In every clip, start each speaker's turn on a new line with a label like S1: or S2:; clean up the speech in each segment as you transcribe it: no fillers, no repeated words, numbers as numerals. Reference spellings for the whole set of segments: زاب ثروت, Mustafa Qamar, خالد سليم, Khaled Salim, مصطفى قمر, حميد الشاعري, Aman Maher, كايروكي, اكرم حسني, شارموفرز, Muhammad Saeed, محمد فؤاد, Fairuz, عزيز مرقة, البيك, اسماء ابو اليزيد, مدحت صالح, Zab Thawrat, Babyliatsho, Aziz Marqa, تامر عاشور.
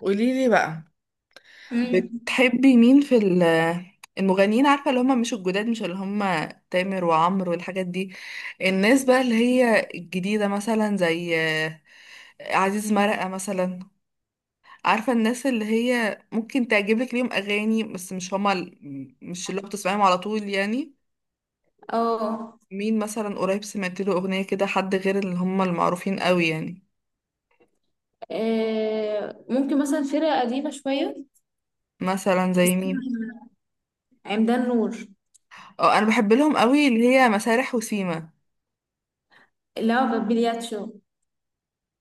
S1: قوليلي بقى،
S2: مم.
S1: بتحبي مين في المغنيين؟ عارفة اللي هم مش الجداد، مش اللي هم تامر وعمرو والحاجات دي. الناس بقى اللي هي الجديدة مثلا زي عزيز مرقة مثلا. عارفة الناس اللي هي ممكن تعجبك ليهم أغاني بس مش هما مش اللي بتسمعيهم على طول يعني.
S2: اه.
S1: مين مثلا قريب سمعت له أغنية كده، حد غير اللي هما المعروفين قوي يعني؟
S2: ممكن مثلا فرقة قديمة شوية.
S1: مثلا زي مين؟
S2: عمدان نور.
S1: اه، أنا بحب لهم قوي اللي هي مسارح وسيما.
S2: اللي هو بابيلياتشو.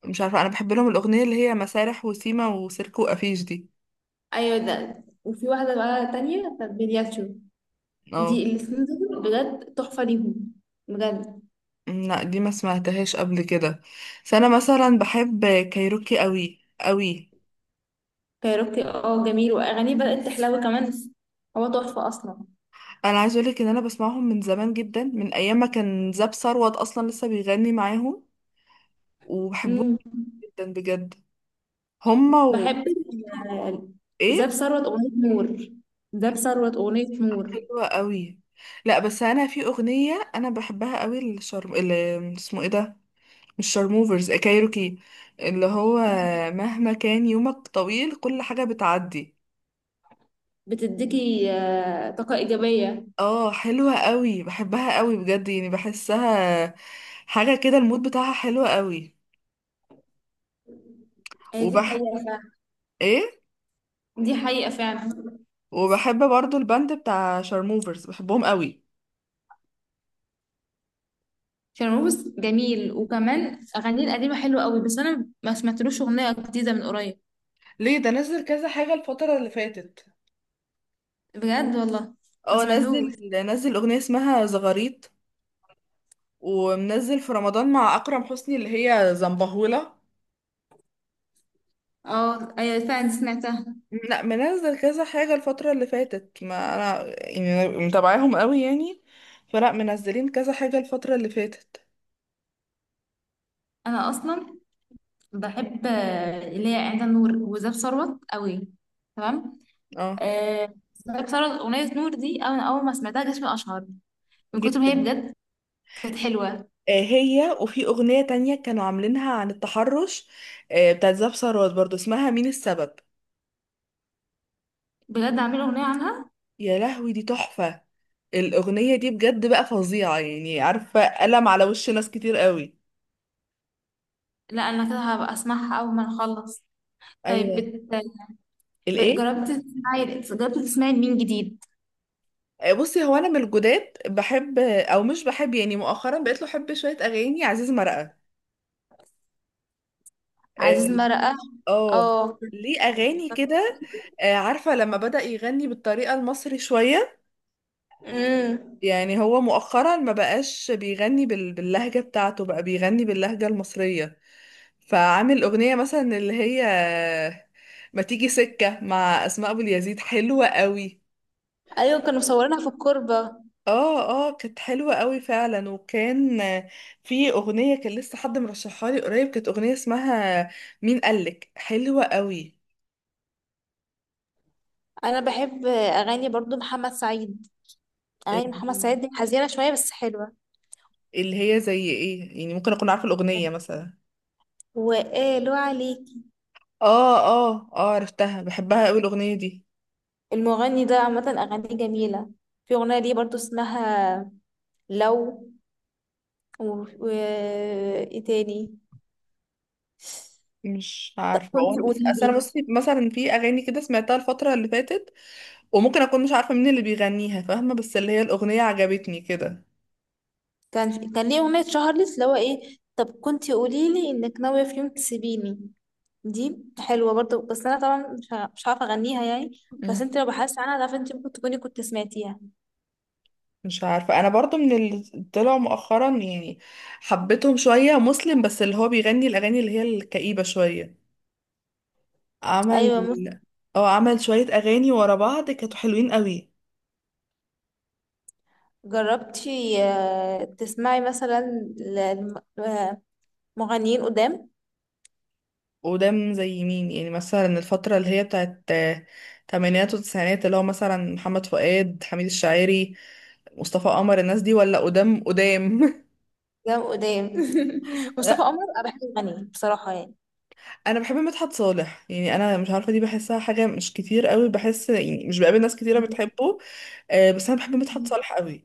S1: مش عارفة، أنا بحب لهم الأغنية اللي هي مسارح وسيما وسيركو وأفيش دي.
S2: ايوه، ده وفي واحدة بقى تانية بابيلياتشو. دي
S1: اه.
S2: الاتنين دول بجد تحفة ليهم، بجد.
S1: لا دي ما سمعتهاش قبل كده. بس أنا مثلا بحب كايروكي قوي قوي.
S2: كايروكي، جميل واغانيه بدأت تحلو كمان. هو تحفة اصلا.
S1: أنا عايزة أقولك إن أنا بسمعهم من زمان جدا، من أيام ما كان زاب ثروت أصلا لسه بيغني معاهم، وبحبهم
S2: مم.
S1: جدا بجد. هما و...
S2: بحب زاب
S1: إيه؟
S2: ثروت اغنية نور. زاب ثروت اغنية نور
S1: حلوة قوي. لا بس أنا في أغنية أنا بحبها قوي، الشرم اللي اسمه إيه ده، مش شارموفرز، كايروكي، اللي هو مهما كان يومك طويل كل حاجة بتعدي.
S2: بتديكي طاقة ايجابية.
S1: اه حلوة قوي، بحبها قوي بجد يعني. بحسها حاجة كده، المود بتاعها حلوة قوي.
S2: دي
S1: وبح
S2: حقيقة فعلا.
S1: ايه؟
S2: دي حقيقة فعلا
S1: وبحب برضو الباند بتاع شارموفرز، بحبهم قوي.
S2: فيروز جميل، وكمان أغانيه القديمة حلوة قوي، بس أنا ما سمعتلوش أغنية جديدة من قريب.
S1: ليه؟ ده نزل كذا حاجة الفترة اللي فاتت.
S2: بجد والله، ما
S1: اه نزل.
S2: سمعتهوش.
S1: نزل اغنية اسمها زغاريط، ومنزل في رمضان مع اكرم حسني اللي هي زنبهولة.
S2: اه، أيوة فعلا سمعتها.
S1: لا منزل كذا حاجة الفترة اللي فاتت، ما انا يعني متابعاهم قوي يعني، فلا منزلين كذا حاجة الفترة اللي فاتت.
S2: أنا أصلا بحب اللي هي عند النور وزاب ثروت قوي. تمام.
S1: اه
S2: زاب ثروت أغنية نور دي أنا أول ما سمعتها جسمي أشعر من كتر ما هي،
S1: جدا.
S2: بجد كانت حلوة.
S1: آه هي، وفي أغنية تانية كانوا عاملينها عن التحرش، آه بتاعت زاب ثروت برضو، اسمها مين السبب.
S2: بجد عاملة أغنية عنها.
S1: يا لهوي دي تحفة، الأغنية دي بجد بقى فظيعة يعني، عارفة قلم على وش ناس كتير قوي.
S2: لا أنا كده هبقى أسمعها أول ما نخلص. طيب
S1: ايوه. الايه؟
S2: جربت تسمعي، مين جديد؟
S1: بصي، هو انا من الجداد بحب او مش بحب يعني، مؤخرا بقيت له احب شويه اغاني عزيز مرقه.
S2: عزيز
S1: آه.
S2: مرقة.
S1: اه.
S2: اه.
S1: ليه اغاني كده، عارفه، لما بدأ يغني بالطريقه المصري شويه.
S2: امم.
S1: يعني هو مؤخرا ما بقاش بيغني باللهجه بتاعته، بقى بيغني باللهجه المصريه. فعامل اغنيه مثلا اللي هي ما تيجي سكه مع اسماء ابو اليزيد، حلوه قوي.
S2: ايوه، كانوا مصورينها في الكوربة.
S1: اه اه، كانت حلوه قوي فعلا. وكان في اغنيه كان لسه حد مرشحها لي قريب، كانت اغنيه اسمها مين قالك، حلوه قوي.
S2: انا بحب اغاني برضو محمد سعيد. اغاني محمد سعيد دي حزينة شوية بس حلوة.
S1: اللي هي زي ايه يعني، ممكن اكون عارفة الأغنية مثلا.
S2: وقالوا عليكي.
S1: اه اه اه، عرفتها، بحبها قوي الاغنيه دي.
S2: المغني ده عامة اغانيه جميلة. في اغنية ليه برضو اسمها لو، و... ايه تاني.
S1: مش عارفة، هو
S2: كنت
S1: انا بس اصل
S2: قوليلي.
S1: انا بصي، مثلا في اغاني كده سمعتها الفترة اللي فاتت، وممكن اكون مش عارفة مين اللي بيغنيها، فاهمة؟ بس اللي هي الأغنية عجبتني كده.
S2: كان ليه اغنية شهرلس اللي هو ايه. طب كنت قوليلي انك ناوية في يوم تسيبيني. دي حلوة برضو، بس أنا طبعا مش هعرف أغنيها يعني. بس
S1: مم.
S2: انت لو بحثت عنها تعرفي انت ممكن تكوني كنت سمعتيها.
S1: مش عارفة، انا برضو من اللي طلعوا مؤخرا يعني، حبيتهم شوية مسلم، بس اللي هو بيغني الاغاني اللي هي الكئيبة شوية. عمل...
S2: أيوة ممكن.
S1: اه عمل شوية اغاني ورا بعض كانوا حلوين قوي.
S2: جربتي تسمعي مثلا ل- لم- مغنيين قدام؟
S1: قدام زي مين يعني؟ مثلا الفترة اللي هي بتاعت تمانينات وتسعينات، اللي هو مثلا محمد فؤاد، حميد الشاعري، مصطفى قمر، الناس دي؟ ولا قدام قدام؟
S2: قدام قدام مصطفى
S1: لا،
S2: قمر أنا بحب أغانيه بصراحة يعني.
S1: انا بحب مدحت صالح يعني، انا مش عارفه دي، بحسها حاجه مش كتير قوي، بحس يعني مش بقابل ناس كتيره بتحبه، بس انا بحب مدحت صالح قوي.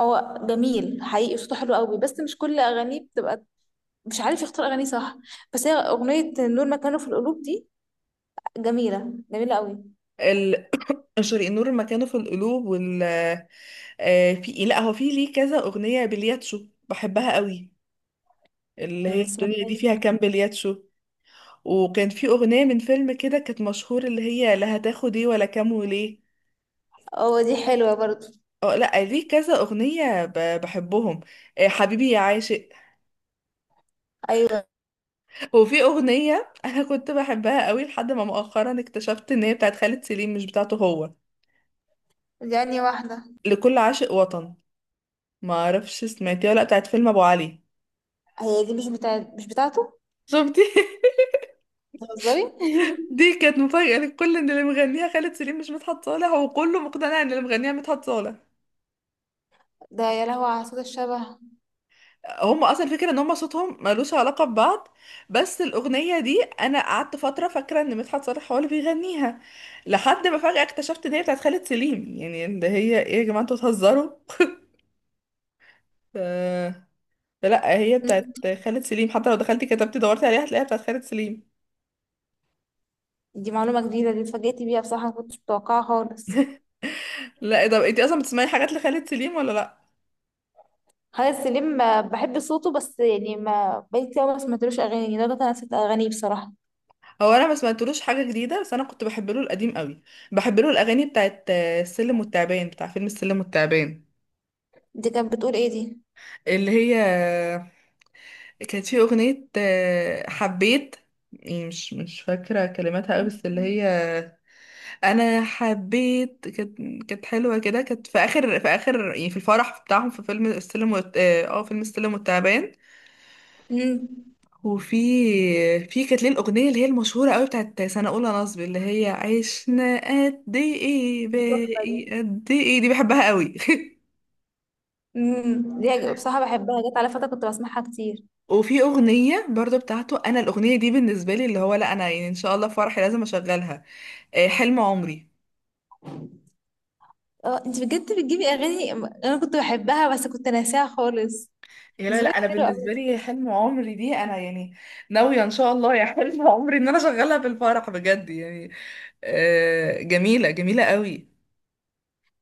S2: هو جميل حقيقي، صوته حلو قوي، بس مش كل أغانيه بتبقى. مش عارف يختار أغانيه صح. بس هي أغنية نور مكانه في القلوب دي جميلة، جميلة قوي.
S1: ال- شريق النور مكانه في القلوب، وال... في، لا هو في ليه كذا اغنيه بلياتشو بحبها قوي، اللي هي الدنيا دي
S2: سمعتها.
S1: فيها كام بلياتشو. وكان في أغنية من فيلم كده كانت مشهور، اللي هي لا هتاخد ايه ولا كام وليه.
S2: اه دي حلوة برضو.
S1: اه لا، ليه كذا أغنية بحبهم. حبيبي يا عاشق.
S2: أيوة.
S1: وفي أغنية أنا كنت بحبها قوي، لحد ما مؤخرا اكتشفت إن هي بتاعت خالد سليم مش بتاعته هو،
S2: دي أنهي واحدة؟
S1: لكل عاشق وطن. ما أعرفش سمعتيها ولا لأ، بتاعت فيلم أبو علي.
S2: هي دي مش بتاعته.
S1: شفتي؟
S2: بتهزري.
S1: دي كانت مفاجأة للكل إن اللي مغنيها خالد سليم مش مدحت صالح، وكله مقتنع إن اللي مغنيها مدحت صالح.
S2: ده يا لهوي على صوت الشبه.
S1: هم اصلا الفكره ان هم صوتهم ملوش علاقه ببعض، بس الاغنيه دي انا قعدت فتره فاكره ان مدحت صالح هو اللي بيغنيها، لحد ما فجاه اكتشفت ان هي بتاعت خالد سليم، يعني اللي هي ايه يا جماعه انتوا بتهزروا؟ ف- لا هي بتاعت
S2: مم.
S1: خالد سليم، حتى لو دخلتي كتبتي دورتي عليها هتلاقيها بتاعت خالد سليم.
S2: دي معلومة جديدة، دي اتفاجئت بيها بصراحة، ما كنتش متوقعها خالص.
S1: لا طب انتي اصلا بتسمعي حاجات لخالد سليم ولا لا؟
S2: خالد سليم بحب صوته، بس يعني ما بقيت كتير أوي، ما سمعتلوش أغاني يعني، ده أنا نسيت أغانيه بصراحة.
S1: هو انا ما سمعتلوش حاجه جديده، بس انا كنت بحب له القديم قوي. بحب له الاغاني بتاعت السلم والتعبان، بتاع فيلم السلم والتعبان.
S2: دي كانت بتقول إيه دي؟
S1: اللي هي كانت في أغنية حبيت، يعني مش فاكرة كلماتها قوي، بس اللي هي أنا حبيت. كانت كانت حلوة كده، كانت في آخر، في آخر يعني في الفرح بتاعهم في فيلم اه فيلم السلم والتعبان.
S2: مم.
S1: وفي في كانت ليه الأغنية اللي هي المشهورة قوي بتاعت سنة أولى نصب، اللي هي عشنا قد إيه
S2: دي تحفة دي.
S1: باقي قد إيه، دي بحبها قوي.
S2: مم. بصراحة بحبها، جت على فترة كنت بسمعها كتير.
S1: وفي اغنيه برضو بتاعته، انا الاغنيه دي بالنسبه لي اللي هو، لا انا يعني ان شاء الله في فرحي لازم اشغلها، حلم عمري.
S2: اه، انت بجد بتجيبي أغاني أنا كنت بحبها بس كنت ناساها خالص.
S1: يا لا لا،
S2: ذوقك
S1: انا
S2: حلو.
S1: بالنسبه لي حلم عمري دي انا يعني ناويه ان شاء الله يا حلم عمري ان انا اشغلها في الفرح بجد يعني، جميله جميله قوي.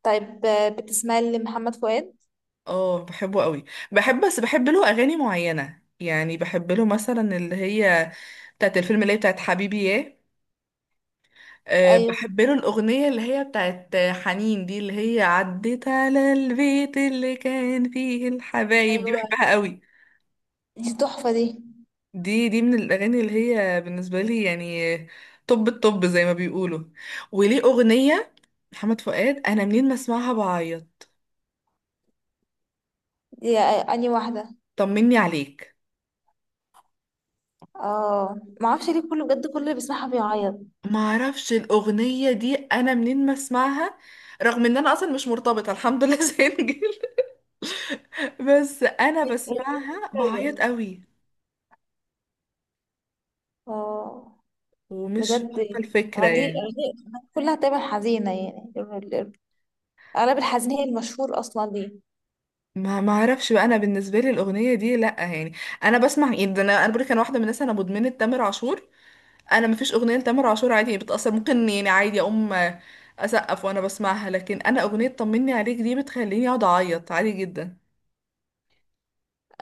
S2: طيب بتسمعي لمحمد فؤاد؟
S1: اه بحبه قوي. بحب بس بحب له اغاني معينه يعني، بحب له مثلا اللي هي بتاعت الفيلم اللي هي بتاعت حبيبي ياه. أه
S2: ايوه.
S1: بحب له الأغنية اللي هي بتاعت حنين دي، اللي هي عدت على البيت اللي كان فيه الحبايب دي،
S2: ايوه،
S1: بحبها قوي.
S2: دي تحفه دي.
S1: دي دي من الأغاني اللي هي بالنسبة لي يعني طب الطب زي ما بيقولوا. وليه أغنية محمد فؤاد، أنا منين ما أسمعها بعيط،
S2: دي اني واحده.
S1: طمني عليك.
S2: اه، ما اعرفش ليه، كله بجد كل اللي بيسمعها بيعيط.
S1: معرفش الأغنية دي، أنا منين ما أسمعها، رغم إن أنا أصلا مش مرتبطة الحمد لله سنجل، بس أنا بسمعها بعيط قوي،
S2: اه،
S1: ومش
S2: بجد.
S1: فاهمة الفكرة
S2: أغانيه
S1: يعني.
S2: أغانيه كلها تقريبا حزينة يعني. أغلب الحزين هي المشهور أصلا ليه.
S1: ما ما اعرفش بقى، انا بالنسبه لي الاغنيه دي لا يعني. انا بسمع يعني، ده انا، انا بقولك انا واحده من الناس انا مدمنه تامر عاشور، انا ما فيش اغنيه لتامر عاشور عادي يعني، بتاثر ممكن يعني عادي اقوم اسقف وانا بسمعها، لكن انا اغنيه طمني عليك دي بتخليني اقعد اعيط عادي جدا.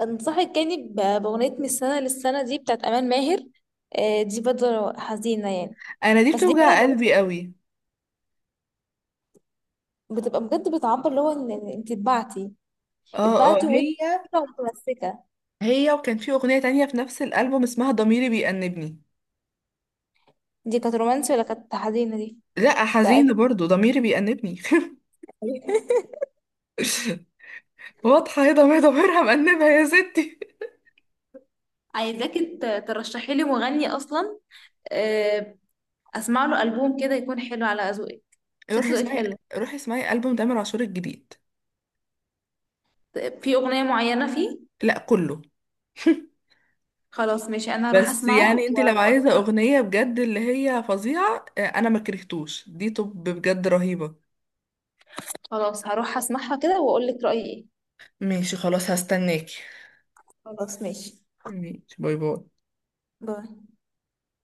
S2: أنصحك يعني بأغنية من السنة للسنة دي بتاعت أمان ماهر. دي برضه حزينة يعني.
S1: انا دي
S2: بس دي بقى
S1: بتوجع
S2: لو
S1: قلبي قوي.
S2: بتبقى بجد، بتعبر اللي هو إن أنت اتبعتي،
S1: اه اه هي.
S2: وأنت متمسكة.
S1: هي وكان في اغنيه تانية في نفس الالبوم اسمها ضميري بيأنبني.
S2: دي كانت رومانسي ولا كانت حزينة دي؟
S1: لا
S2: لا
S1: حزينه
S2: كانت
S1: برضو ضميري بيأنبني.
S2: حزينة.
S1: واضحه هي ضميرها مأنبها يا ستي.
S2: عايزاكي ترشحي لي مغني اصلا، آه، اسمع له البوم كده يكون حلو على ذوقك، عشان
S1: روحي
S2: ذوقك
S1: اسمعي،
S2: حلو،
S1: روحي اسمعي ألبوم تامر عاشور الجديد.
S2: في اغنيه معينه فيه.
S1: لا كله.
S2: خلاص ماشي، انا هروح
S1: بس
S2: اسمعه
S1: يعني انت لو
S2: واقول
S1: عايزة
S2: لك رايي.
S1: أغنية بجد اللي هي فظيعة انا ما كرهتوش دي طب بجد رهيبة.
S2: خلاص هروح اسمعها كده واقول لك رايي ايه.
S1: ماشي خلاص، هستناكي.
S2: خلاص ماشي،
S1: ماشي، باي باي.
S2: باي.